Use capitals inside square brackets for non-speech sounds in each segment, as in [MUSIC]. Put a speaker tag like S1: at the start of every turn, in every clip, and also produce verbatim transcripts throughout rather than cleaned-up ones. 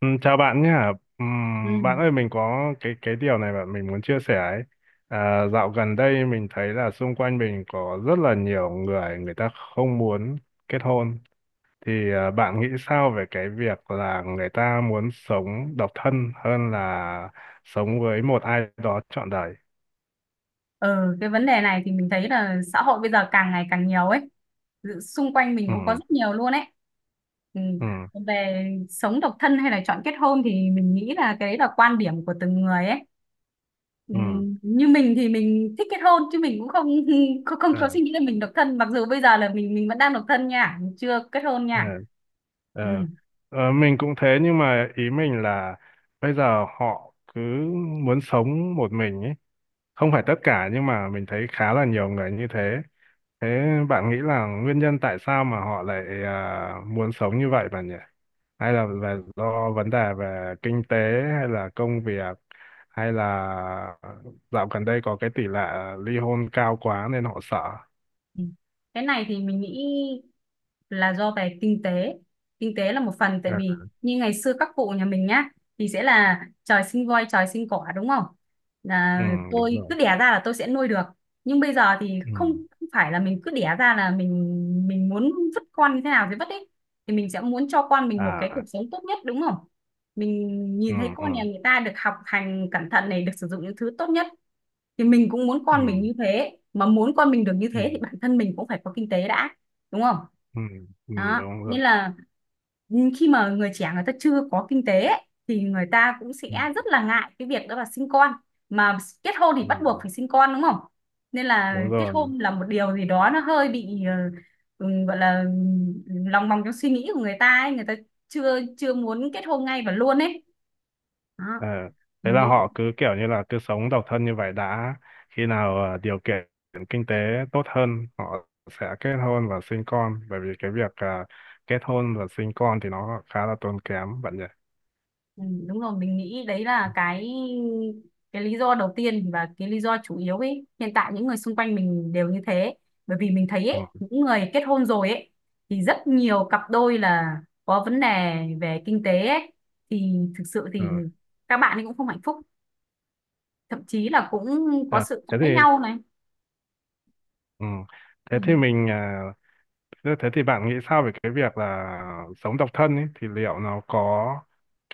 S1: Ừ, chào bạn nhé.
S2: Ừ.
S1: Ừm, bạn ơi mình có cái cái điều này bạn mình muốn chia sẻ ấy. À, dạo gần đây mình thấy là xung quanh mình có rất là nhiều người, người ta không muốn kết hôn. Thì à, bạn nghĩ sao về cái việc là người ta muốn sống độc thân hơn là sống với một ai đó trọn đời?
S2: Ờ, cái vấn đề này thì mình thấy là xã hội bây giờ càng ngày càng nhiều ấy. Dự- Xung quanh mình
S1: Ừ,
S2: cũng có rất nhiều luôn ấy. Ừ.
S1: ừ,
S2: Về sống độc thân hay là chọn kết hôn thì mình nghĩ là cái đấy là quan điểm của từng người ấy. Ừ.
S1: ừ.
S2: Như mình thì mình thích kết hôn chứ mình cũng không [LAUGHS] không, không có
S1: Ờ,
S2: suy nghĩ là mình độc thân, mặc dù bây giờ là mình mình vẫn đang độc thân nha, mình chưa kết hôn
S1: ờ,
S2: nha. Ừ.
S1: ờ. Ờ, mình cũng thế nhưng mà ý mình là bây giờ họ cứ muốn sống một mình ấy, không phải tất cả nhưng mà mình thấy khá là nhiều người như thế. Thế bạn nghĩ là nguyên nhân tại sao mà họ lại à, muốn sống như vậy bạn nhỉ, hay là về do vấn đề về kinh tế hay là công việc hay là dạo gần đây có cái tỷ lệ ly hôn cao quá nên họ sợ?
S2: Ừ. Cái này thì mình nghĩ là do về kinh tế. Kinh tế là một phần, tại
S1: Ừ.
S2: vì như ngày xưa các cụ nhà mình nhá thì sẽ là trời sinh voi trời sinh cỏ đúng không,
S1: Ừ,
S2: là
S1: đúng
S2: tôi
S1: rồi.
S2: cứ đẻ ra là tôi sẽ nuôi được. Nhưng bây giờ thì
S1: Ừ.
S2: không, không phải là mình cứ đẻ ra là mình mình muốn vứt con như thế nào thì vứt ấy, thì mình sẽ muốn cho con mình một cái cuộc
S1: À.
S2: sống tốt nhất đúng không. Mình
S1: Ừ.
S2: nhìn thấy
S1: Ừ.
S2: con nhà người ta được học hành cẩn thận này, được sử dụng những thứ tốt nhất, thì mình cũng muốn
S1: Ừ.
S2: con mình như thế. Mà muốn con mình được như
S1: Ừ.
S2: thế thì bản thân mình cũng phải có kinh tế đã, đúng không?
S1: Ừ, ừ, ừ,
S2: Đó
S1: đúng rồi.
S2: nên là khi mà người trẻ người ta chưa có kinh tế ấy, thì người ta cũng sẽ
S1: Ừ,
S2: rất là ngại cái việc đó là sinh con, mà kết hôn thì
S1: ừ,
S2: bắt buộc phải sinh con đúng không. Nên là
S1: đúng
S2: kết
S1: rồi.
S2: hôn là một điều gì đó nó hơi bị ờ, ừ, gọi là ừ, lòng vòng trong suy nghĩ của người ta ấy, người ta chưa chưa muốn kết hôn ngay và luôn ấy, đó
S1: Ờ, thế
S2: mình
S1: là
S2: nghĩ.
S1: họ cứ kiểu như là cứ sống độc thân như vậy đã. Khi nào ờ, điều kiện kinh tế tốt hơn, họ sẽ kết hôn và sinh con. Bởi vì cái việc ờ, kết hôn và sinh con thì nó khá là tốn kém bạn nhỉ.
S2: Ừ, đúng rồi. Mình nghĩ đấy là cái cái lý do đầu tiên và cái lý do chủ yếu ấy. Hiện tại những người xung quanh mình đều như thế, bởi vì mình thấy ấy,
S1: Ừ.
S2: những người kết hôn rồi ấy thì rất nhiều cặp đôi là có vấn đề về kinh tế ấy, thì thực sự
S1: Ừ.
S2: thì các bạn ấy cũng không hạnh phúc, thậm chí là cũng có
S1: Ờ,
S2: sự
S1: thế thì.
S2: cãi nhau này.
S1: Ừ.
S2: Ừ.
S1: Thế thì mình à, thế thế thì bạn nghĩ sao về cái việc là sống độc thân ấy thì liệu nó có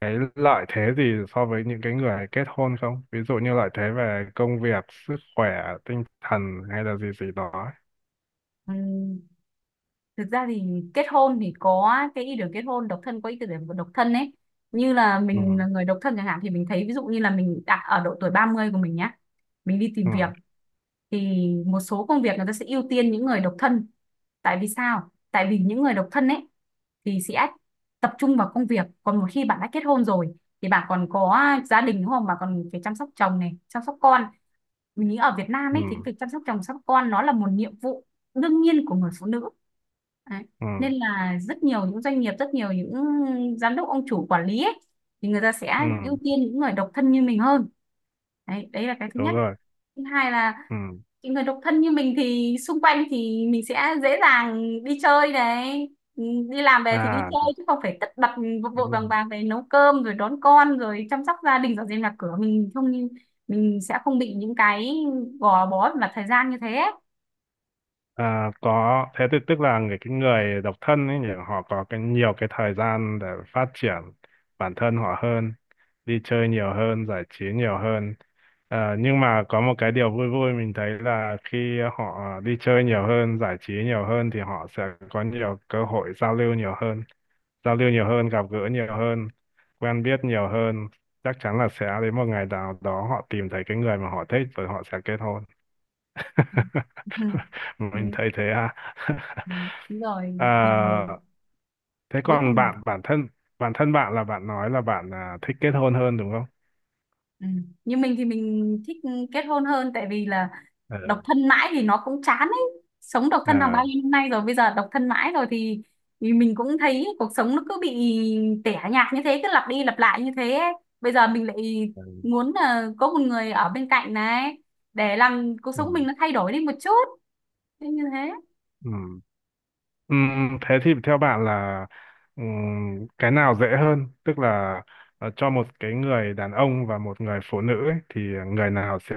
S1: cái lợi thế gì so với những cái người kết hôn không? Ví dụ như lợi thế về công việc, sức khỏe, tinh thần hay là gì gì đó ấy.
S2: Ừ, thực ra thì kết hôn thì có cái ý tưởng kết hôn, độc thân có ý tưởng độc thân ấy. Như là mình
S1: Ừ.
S2: là người độc thân chẳng hạn, thì mình thấy ví dụ như là mình đã ở độ tuổi ba mươi của mình nhá, mình đi tìm việc,
S1: Ừ.
S2: thì một số công việc người ta sẽ ưu tiên những người độc thân. Tại vì sao? Tại vì những người độc thân ấy thì sẽ tập trung vào công việc, còn một khi bạn đã kết hôn rồi thì bạn còn có gia đình đúng không, bạn còn phải chăm sóc chồng này, chăm sóc con. Mình nghĩ ở Việt Nam ấy
S1: Ừ.
S2: thì việc chăm sóc chồng sóc con nó là một nhiệm vụ đương nhiên của người phụ nữ. Đấy.
S1: Ừ.
S2: Nên là rất nhiều những doanh nghiệp, rất nhiều những giám đốc, ông chủ, quản lý ấy, thì người ta sẽ
S1: Ừ,
S2: ưu tiên những người độc thân như mình hơn đấy. Đấy là cái thứ
S1: đúng
S2: nhất.
S1: rồi.
S2: Thứ hai là
S1: Ừ.
S2: những người độc thân như mình thì xung quanh thì mình sẽ dễ dàng đi chơi này. Ừ, đi làm về thì đi
S1: À,
S2: chơi chứ không phải tất bật vội vội
S1: đúng
S2: vàng
S1: rồi.
S2: vàng về nấu cơm rồi đón con rồi chăm sóc gia đình dọn dẹp nhà cửa, mình không mình sẽ không bị những cái gò bó và thời gian như thế.
S1: À, có thế thì tức là người cái người độc thân ấy nhỉ, họ có cái nhiều cái thời gian để phát triển bản thân họ hơn, đi chơi nhiều hơn, giải trí nhiều hơn. À, nhưng mà có một cái điều vui vui mình thấy là khi họ đi chơi nhiều hơn giải trí nhiều hơn thì họ sẽ có nhiều cơ hội giao lưu nhiều hơn, giao lưu nhiều hơn, gặp gỡ nhiều hơn, quen biết nhiều hơn, chắc chắn là sẽ đến một ngày nào đó họ tìm thấy cái người mà họ thích và họ sẽ kết hôn.
S2: Ừ,
S1: [LAUGHS]
S2: ừ,
S1: Mình thấy thế à. [LAUGHS]
S2: đúng
S1: Ờ,
S2: rồi, thì
S1: thế
S2: cuối
S1: còn
S2: cùng.
S1: bạn bản thân bản thân bạn là bạn nói là bạn à, thích kết hôn hơn đúng không?
S2: Ừ. Như mình thì mình thích kết hôn hơn, tại vì là
S1: Ờ,
S2: độc thân mãi thì nó cũng chán ấy. Sống độc thân hàng
S1: ờ,
S2: bao nhiêu năm nay rồi, bây giờ độc thân mãi rồi thì, thì mình cũng thấy cuộc sống nó cứ bị tẻ nhạt như thế, cứ lặp đi lặp lại như thế ấy. Bây giờ mình lại
S1: ờ,
S2: muốn là có một người ở bên cạnh này để làm cuộc
S1: ừ,
S2: sống mình nó thay đổi đi một chút. Thế. Như thế.
S1: ừ. Ừ, thế thì theo bạn là, ừ, cái nào dễ hơn, tức là ờ, cho một cái người đàn ông và một người phụ nữ ấy, thì người nào sẽ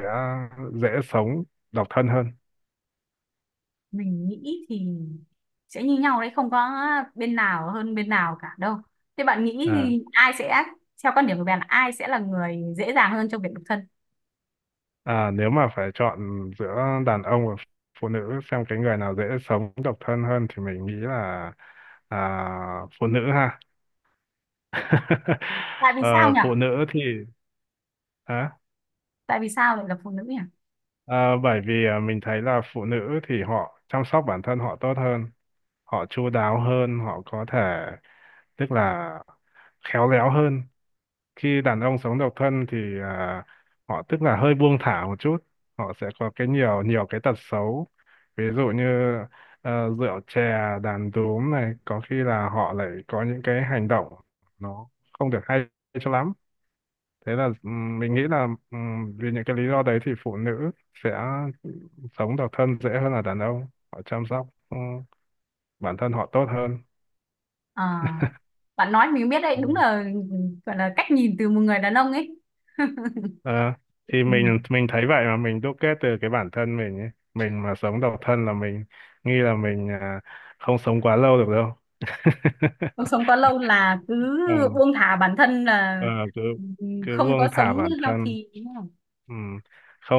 S1: dễ sống độc thân hơn?
S2: Mình nghĩ thì sẽ như nhau đấy, không có bên nào hơn bên nào cả đâu. Thế bạn nghĩ
S1: Ờ.
S2: thì ai sẽ theo quan điểm của bạn là ai sẽ là người dễ dàng hơn trong việc độc thân?
S1: À, nếu mà phải chọn giữa đàn ông và phụ nữ xem cái người nào dễ sống độc thân hơn thì mình nghĩ là à, phụ nữ ha. [LAUGHS]
S2: Tại vì sao
S1: Ờ,
S2: nhỉ?
S1: phụ nữ thì, hả?
S2: Tại vì sao lại là phụ nữ nhỉ?
S1: Ờ, bởi vì ờ, mình thấy là phụ nữ thì họ chăm sóc bản thân họ tốt hơn, họ chu đáo hơn, họ có thể, tức là khéo léo hơn. Khi đàn ông sống độc thân thì ờ, họ, tức là hơi buông thả một chút, họ sẽ có cái nhiều nhiều cái tật xấu. Ví dụ như ờ, rượu chè, đàn đúm này, có khi là họ lại có những cái hành động nó không được hay cho lắm. Thế là ừm, mình nghĩ là ừm, vì những cái lý do đấy thì phụ nữ sẽ sống độc thân dễ hơn là đàn ông, họ chăm sóc ừ, bản thân họ tốt hơn.
S2: Ờ, bạn nói mình biết đấy,
S1: Đúng
S2: đúng
S1: rồi.
S2: là gọi là cách nhìn từ một người đàn ông ấy. [LAUGHS]
S1: Ờ, thì
S2: Ừ.
S1: mình mình thấy vậy mà mình đúc kết từ cái bản thân mình ấy. Mình mà sống độc thân là mình nghĩ là mình à, không sống quá lâu được đâu. [LAUGHS]
S2: Không sống quá lâu là cứ
S1: Ờ,
S2: buông thả bản thân, là
S1: ờ, cứ
S2: ừ,
S1: cứ
S2: không có
S1: buông thả
S2: sống
S1: bản thân.
S2: healthy, ý không.
S1: Ừ.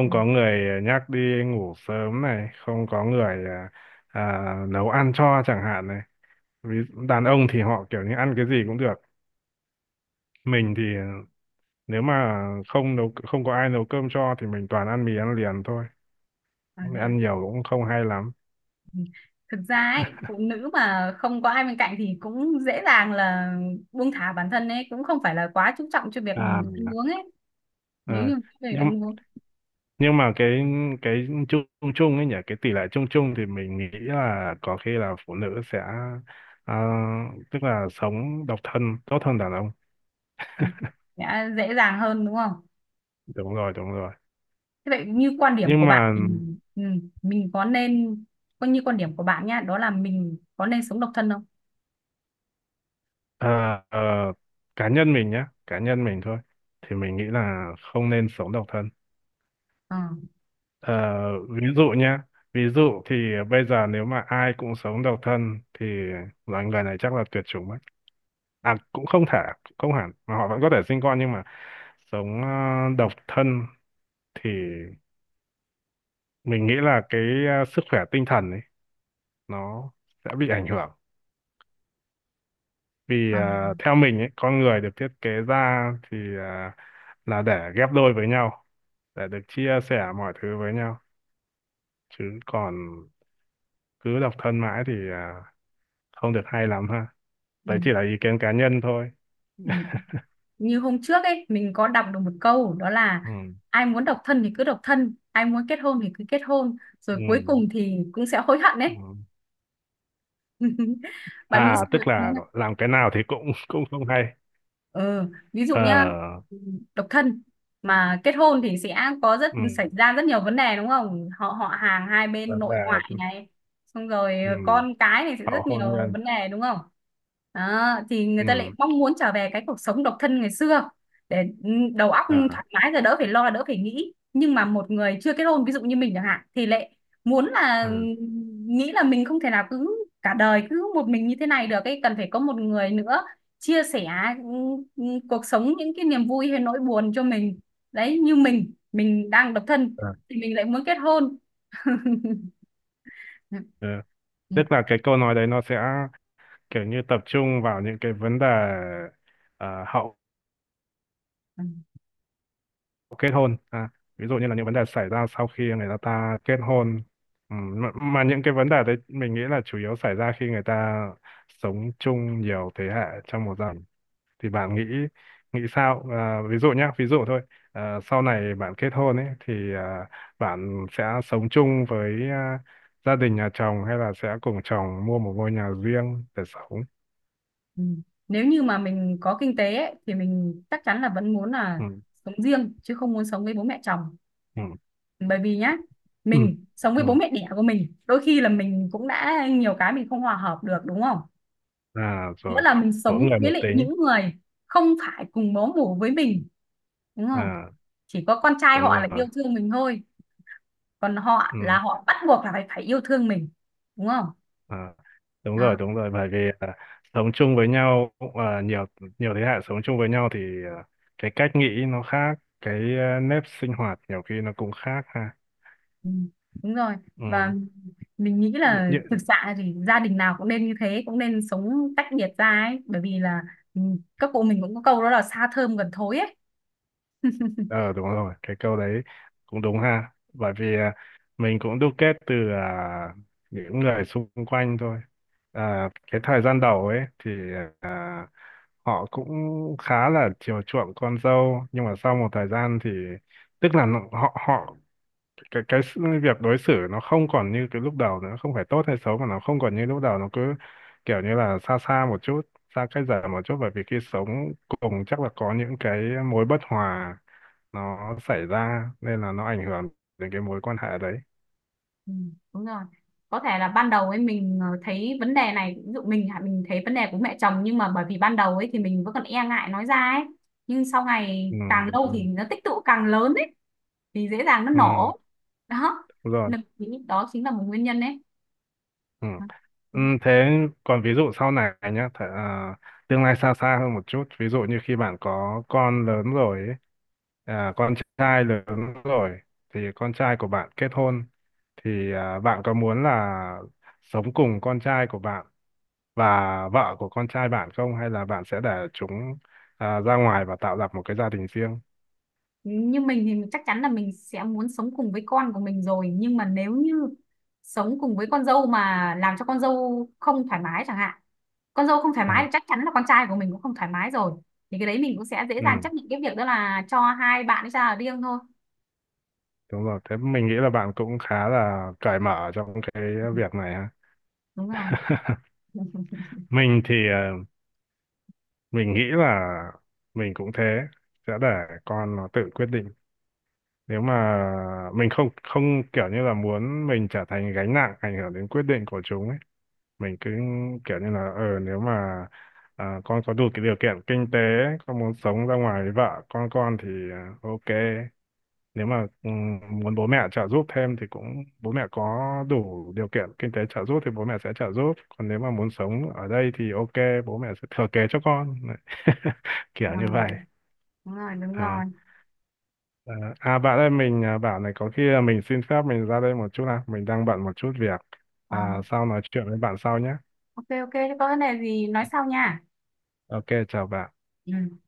S2: Ừ.
S1: có người à, nhắc đi ngủ sớm này, không có người à, à, nấu ăn cho chẳng hạn này. Ví- đàn ông thì họ kiểu như ăn cái gì cũng được, mình thì nếu mà không nấu không có ai nấu cơm cho thì mình toàn ăn mì ăn liền thôi.
S2: À, thế à?
S1: Ăn nhiều cũng không hay lắm
S2: Thực ra ấy, phụ nữ mà không có ai bên cạnh thì cũng dễ dàng là buông thả bản thân ấy, cũng không phải là quá chú trọng cho việc
S1: à.
S2: ăn uống ấy. Nếu
S1: Ờ,
S2: như về
S1: nhưng
S2: ăn uống
S1: nhưng mà cái cái chung chung ấy nhỉ, cái tỷ lệ chung chung thì mình nghĩ là có khi là phụ nữ sẽ ờ, tức là sống độc thân tốt hơn đàn ông.
S2: ừ, sẽ dễ dàng hơn đúng không?
S1: Đúng rồi, đúng rồi.
S2: Thế vậy như quan điểm
S1: Nhưng
S2: của bạn
S1: mà
S2: thì ừ, mình có nên coi như quan điểm của bạn nhá, đó là mình có nên sống độc thân không?
S1: ờ, ờ, cá nhân mình nhé, cá nhân mình thôi thì mình nghĩ là không nên sống độc thân.
S2: Ờ,
S1: Ờ, ví dụ nhá, ví dụ thì bây giờ nếu mà ai cũng sống độc thân thì loài người này chắc là tuyệt chủng mất. À, cũng không thể, cũng không hẳn, mà họ vẫn có thể sinh con nhưng mà sống ờ, độc thân thì mình nghĩ là cái ờ, sức khỏe tinh thần ấy nó sẽ bị ảnh hưởng. Vì
S2: ờ,
S1: ờ, theo mình ấy, con người được thiết kế ra thì ờ, là để ghép đôi với nhau, để được chia sẻ mọi thứ với nhau. Chứ còn cứ độc thân mãi thì à, không được hay lắm ha.
S2: ừ,
S1: Đấy chỉ là ý kiến cá nhân thôi.
S2: ừ. Như hôm trước ấy mình có đọc được một câu đó là:
S1: Ừ.
S2: ai muốn độc thân thì cứ độc thân, ai muốn kết hôn thì cứ kết hôn,
S1: Ừ.
S2: rồi cuối cùng thì cũng sẽ hối hận
S1: Ừ.
S2: ấy. [LAUGHS] Bạn nghĩ
S1: À,
S2: sao về
S1: tức
S2: nó?
S1: là làm cái nào thì cũng [LAUGHS] cũng không hay.
S2: Ừ. Ví dụ nhá,
S1: Ờ.
S2: độc thân mà kết hôn thì sẽ có rất
S1: Ừ.
S2: xảy ra rất nhiều vấn đề đúng không, họ họ hàng hai
S1: Và
S2: bên nội
S1: là.
S2: ngoại này, xong rồi
S1: Ừ.
S2: con cái này sẽ
S1: Hậu
S2: rất
S1: hôn
S2: nhiều
S1: nhân.
S2: vấn đề đúng không. Đó, thì người
S1: Ừ.
S2: ta lại mong muốn trở về cái cuộc sống độc thân ngày xưa để ừ, đầu óc
S1: À,
S2: thoải mái, rồi đỡ phải lo đỡ phải nghĩ. Nhưng mà một người chưa kết hôn ví dụ như mình chẳng hạn thì lại muốn
S1: à,
S2: là nghĩ là mình không thể nào cứ cả đời cứ một mình như thế này được ấy, cần phải có một người nữa chia sẻ ừ, ừ, cuộc sống, những cái niềm vui hay nỗi buồn cho mình. Đấy, như mình mình đang độc thân
S1: à.
S2: thì mình lại muốn kết hôn. [LAUGHS]
S1: Ừ. Tức là cái câu nói đấy nó sẽ kiểu như tập trung vào những cái vấn đề ờ, hậu kết hôn, à, ví dụ như là những vấn đề xảy ra sau khi người ta kết hôn. Ừ, mà, mà những cái vấn đề đấy mình nghĩ là chủ yếu xảy ra khi người ta sống chung nhiều thế hệ trong một gia đình. Thì bạn nghĩ nghĩ sao, à, ví dụ nhá, ví dụ thôi. À, sau này bạn kết hôn ấy thì à, bạn sẽ sống chung với à, gia đình nhà chồng hay là sẽ cùng chồng mua một ngôi nhà riêng để sống?
S2: Nếu như mà mình có kinh tế ấy, thì mình chắc chắn là vẫn muốn là
S1: Ừ,
S2: sống riêng chứ không muốn sống với bố mẹ chồng.
S1: ừ,
S2: Bởi vì nhá,
S1: ừ,
S2: mình sống với
S1: ừ.
S2: bố mẹ đẻ của mình đôi khi là mình cũng đã nhiều cái mình không hòa hợp được đúng không,
S1: À,
S2: nghĩa
S1: rồi.
S2: là mình
S1: Mỗi
S2: sống
S1: người
S2: với
S1: một
S2: lại
S1: tính.
S2: những người không phải cùng máu mủ với mình đúng không.
S1: À.
S2: Chỉ có con trai
S1: Đúng
S2: họ là yêu
S1: rồi.
S2: thương mình thôi, còn họ
S1: Ừ,
S2: là họ bắt buộc là phải phải yêu thương mình đúng không.
S1: à, đúng rồi,
S2: Đó.
S1: đúng rồi, bởi vì à, sống chung với nhau à, nhiều nhiều thế hệ sống chung với nhau thì à, cái cách nghĩ nó khác, cái à, nếp sinh hoạt nhiều khi nó cũng khác ha.
S2: Ừ, đúng rồi.
S1: Ừ,
S2: Và mình nghĩ
S1: như,
S2: là
S1: như,
S2: thực sự thì gia đình nào cũng nên như thế, cũng nên sống tách biệt ra ấy, bởi vì là ừ, các cụ mình cũng có câu đó là xa thơm gần thối ấy.
S1: ờ, đúng rồi, cái câu đấy cũng đúng ha, bởi vì à, mình cũng đúc kết từ à, những người xung quanh thôi. À, cái thời gian đầu ấy thì à, họ cũng khá là chiều chuộng con dâu nhưng mà sau một thời gian thì tức là nó- họ họ cái cái sự- việc đối xử nó không còn như cái lúc đầu nữa, không phải tốt hay xấu mà nó không còn như lúc đầu, nó cứ kiểu như là xa xa một chút, xa cách dần một chút, bởi vì khi sống cùng chắc là có những cái mối bất hòa nó xảy ra nên là nó ảnh hưởng đến cái mối quan hệ đấy.
S2: Ừ, đúng rồi. Có thể là ban đầu ấy mình ờ, thấy vấn đề này, ví dụ mình hả, mình thấy vấn đề của mẹ chồng, nhưng mà bởi vì ban đầu ấy thì mình vẫn còn e ngại nói ra ấy. Nhưng sau ngày
S1: Ừ,
S2: càng lâu
S1: đúng
S2: thì
S1: rồi.
S2: nó tích tụ càng lớn ấy, thì dễ dàng nó
S1: Ừ,
S2: nổ. Đó
S1: đúng rồi.
S2: nên mình nghĩ đó chính là một nguyên nhân.
S1: Ừ. Ừ,
S2: Đấy.
S1: thế còn ví dụ sau này nhá, th- à, tương lai xa xa hơn một chút, ví dụ như khi bạn có con lớn rồi ấy, à, con trai lớn rồi thì con trai của bạn kết hôn thì à, bạn có muốn là sống cùng con trai của bạn và vợ của con trai bạn không hay là bạn sẽ để chúng à, ra ngoài và tạo lập một cái gia đình riêng?
S2: Như mình thì chắc chắn là mình sẽ muốn sống cùng với con của mình rồi, nhưng mà nếu như sống cùng với con dâu mà làm cho con dâu không thoải mái chẳng hạn, con dâu không thoải mái
S1: À,
S2: thì chắc chắn là con trai của mình cũng không thoải mái rồi, thì cái đấy mình cũng sẽ dễ
S1: ừ,
S2: dàng chấp nhận cái việc đó là cho hai bạn ấy ra ở riêng thôi.
S1: đúng rồi. Thế mình nghĩ là bạn cũng khá là cởi mở trong cái việc này ha.
S2: Đúng rồi.
S1: [LAUGHS] Mình thì ờ, mình nghĩ là mình cũng thế, sẽ để con nó tự quyết định, nếu mà mình không không kiểu như là muốn mình trở thành gánh nặng ảnh hưởng đến quyết định của chúng ấy. Mình cứ kiểu như là ờ nếu mà à, con có đủ cái điều kiện kinh tế, con muốn sống ra ngoài với vợ con con thì à, ok. Nếu mà ừ, muốn bố mẹ trợ giúp thêm thì cũng bố mẹ có đủ điều kiện kinh tế trợ giúp thì bố mẹ sẽ trợ giúp, còn nếu mà muốn sống ở đây thì ok bố mẹ sẽ thừa kế cho con. Đấy. [LAUGHS] Kiểu
S2: Ờ,
S1: như vậy.
S2: đúng rồi, đúng rồi.
S1: à, à à, Bạn ơi mình à, bảo này có khi là mình xin phép mình ra đây một chút nào, mình đang bận một chút việc.
S2: Ờ,
S1: À, sau nói chuyện với bạn sau nhé.
S2: ok, ok, thế có vấn đề gì nói sau nha.
S1: Ok chào bạn.
S2: Ừ.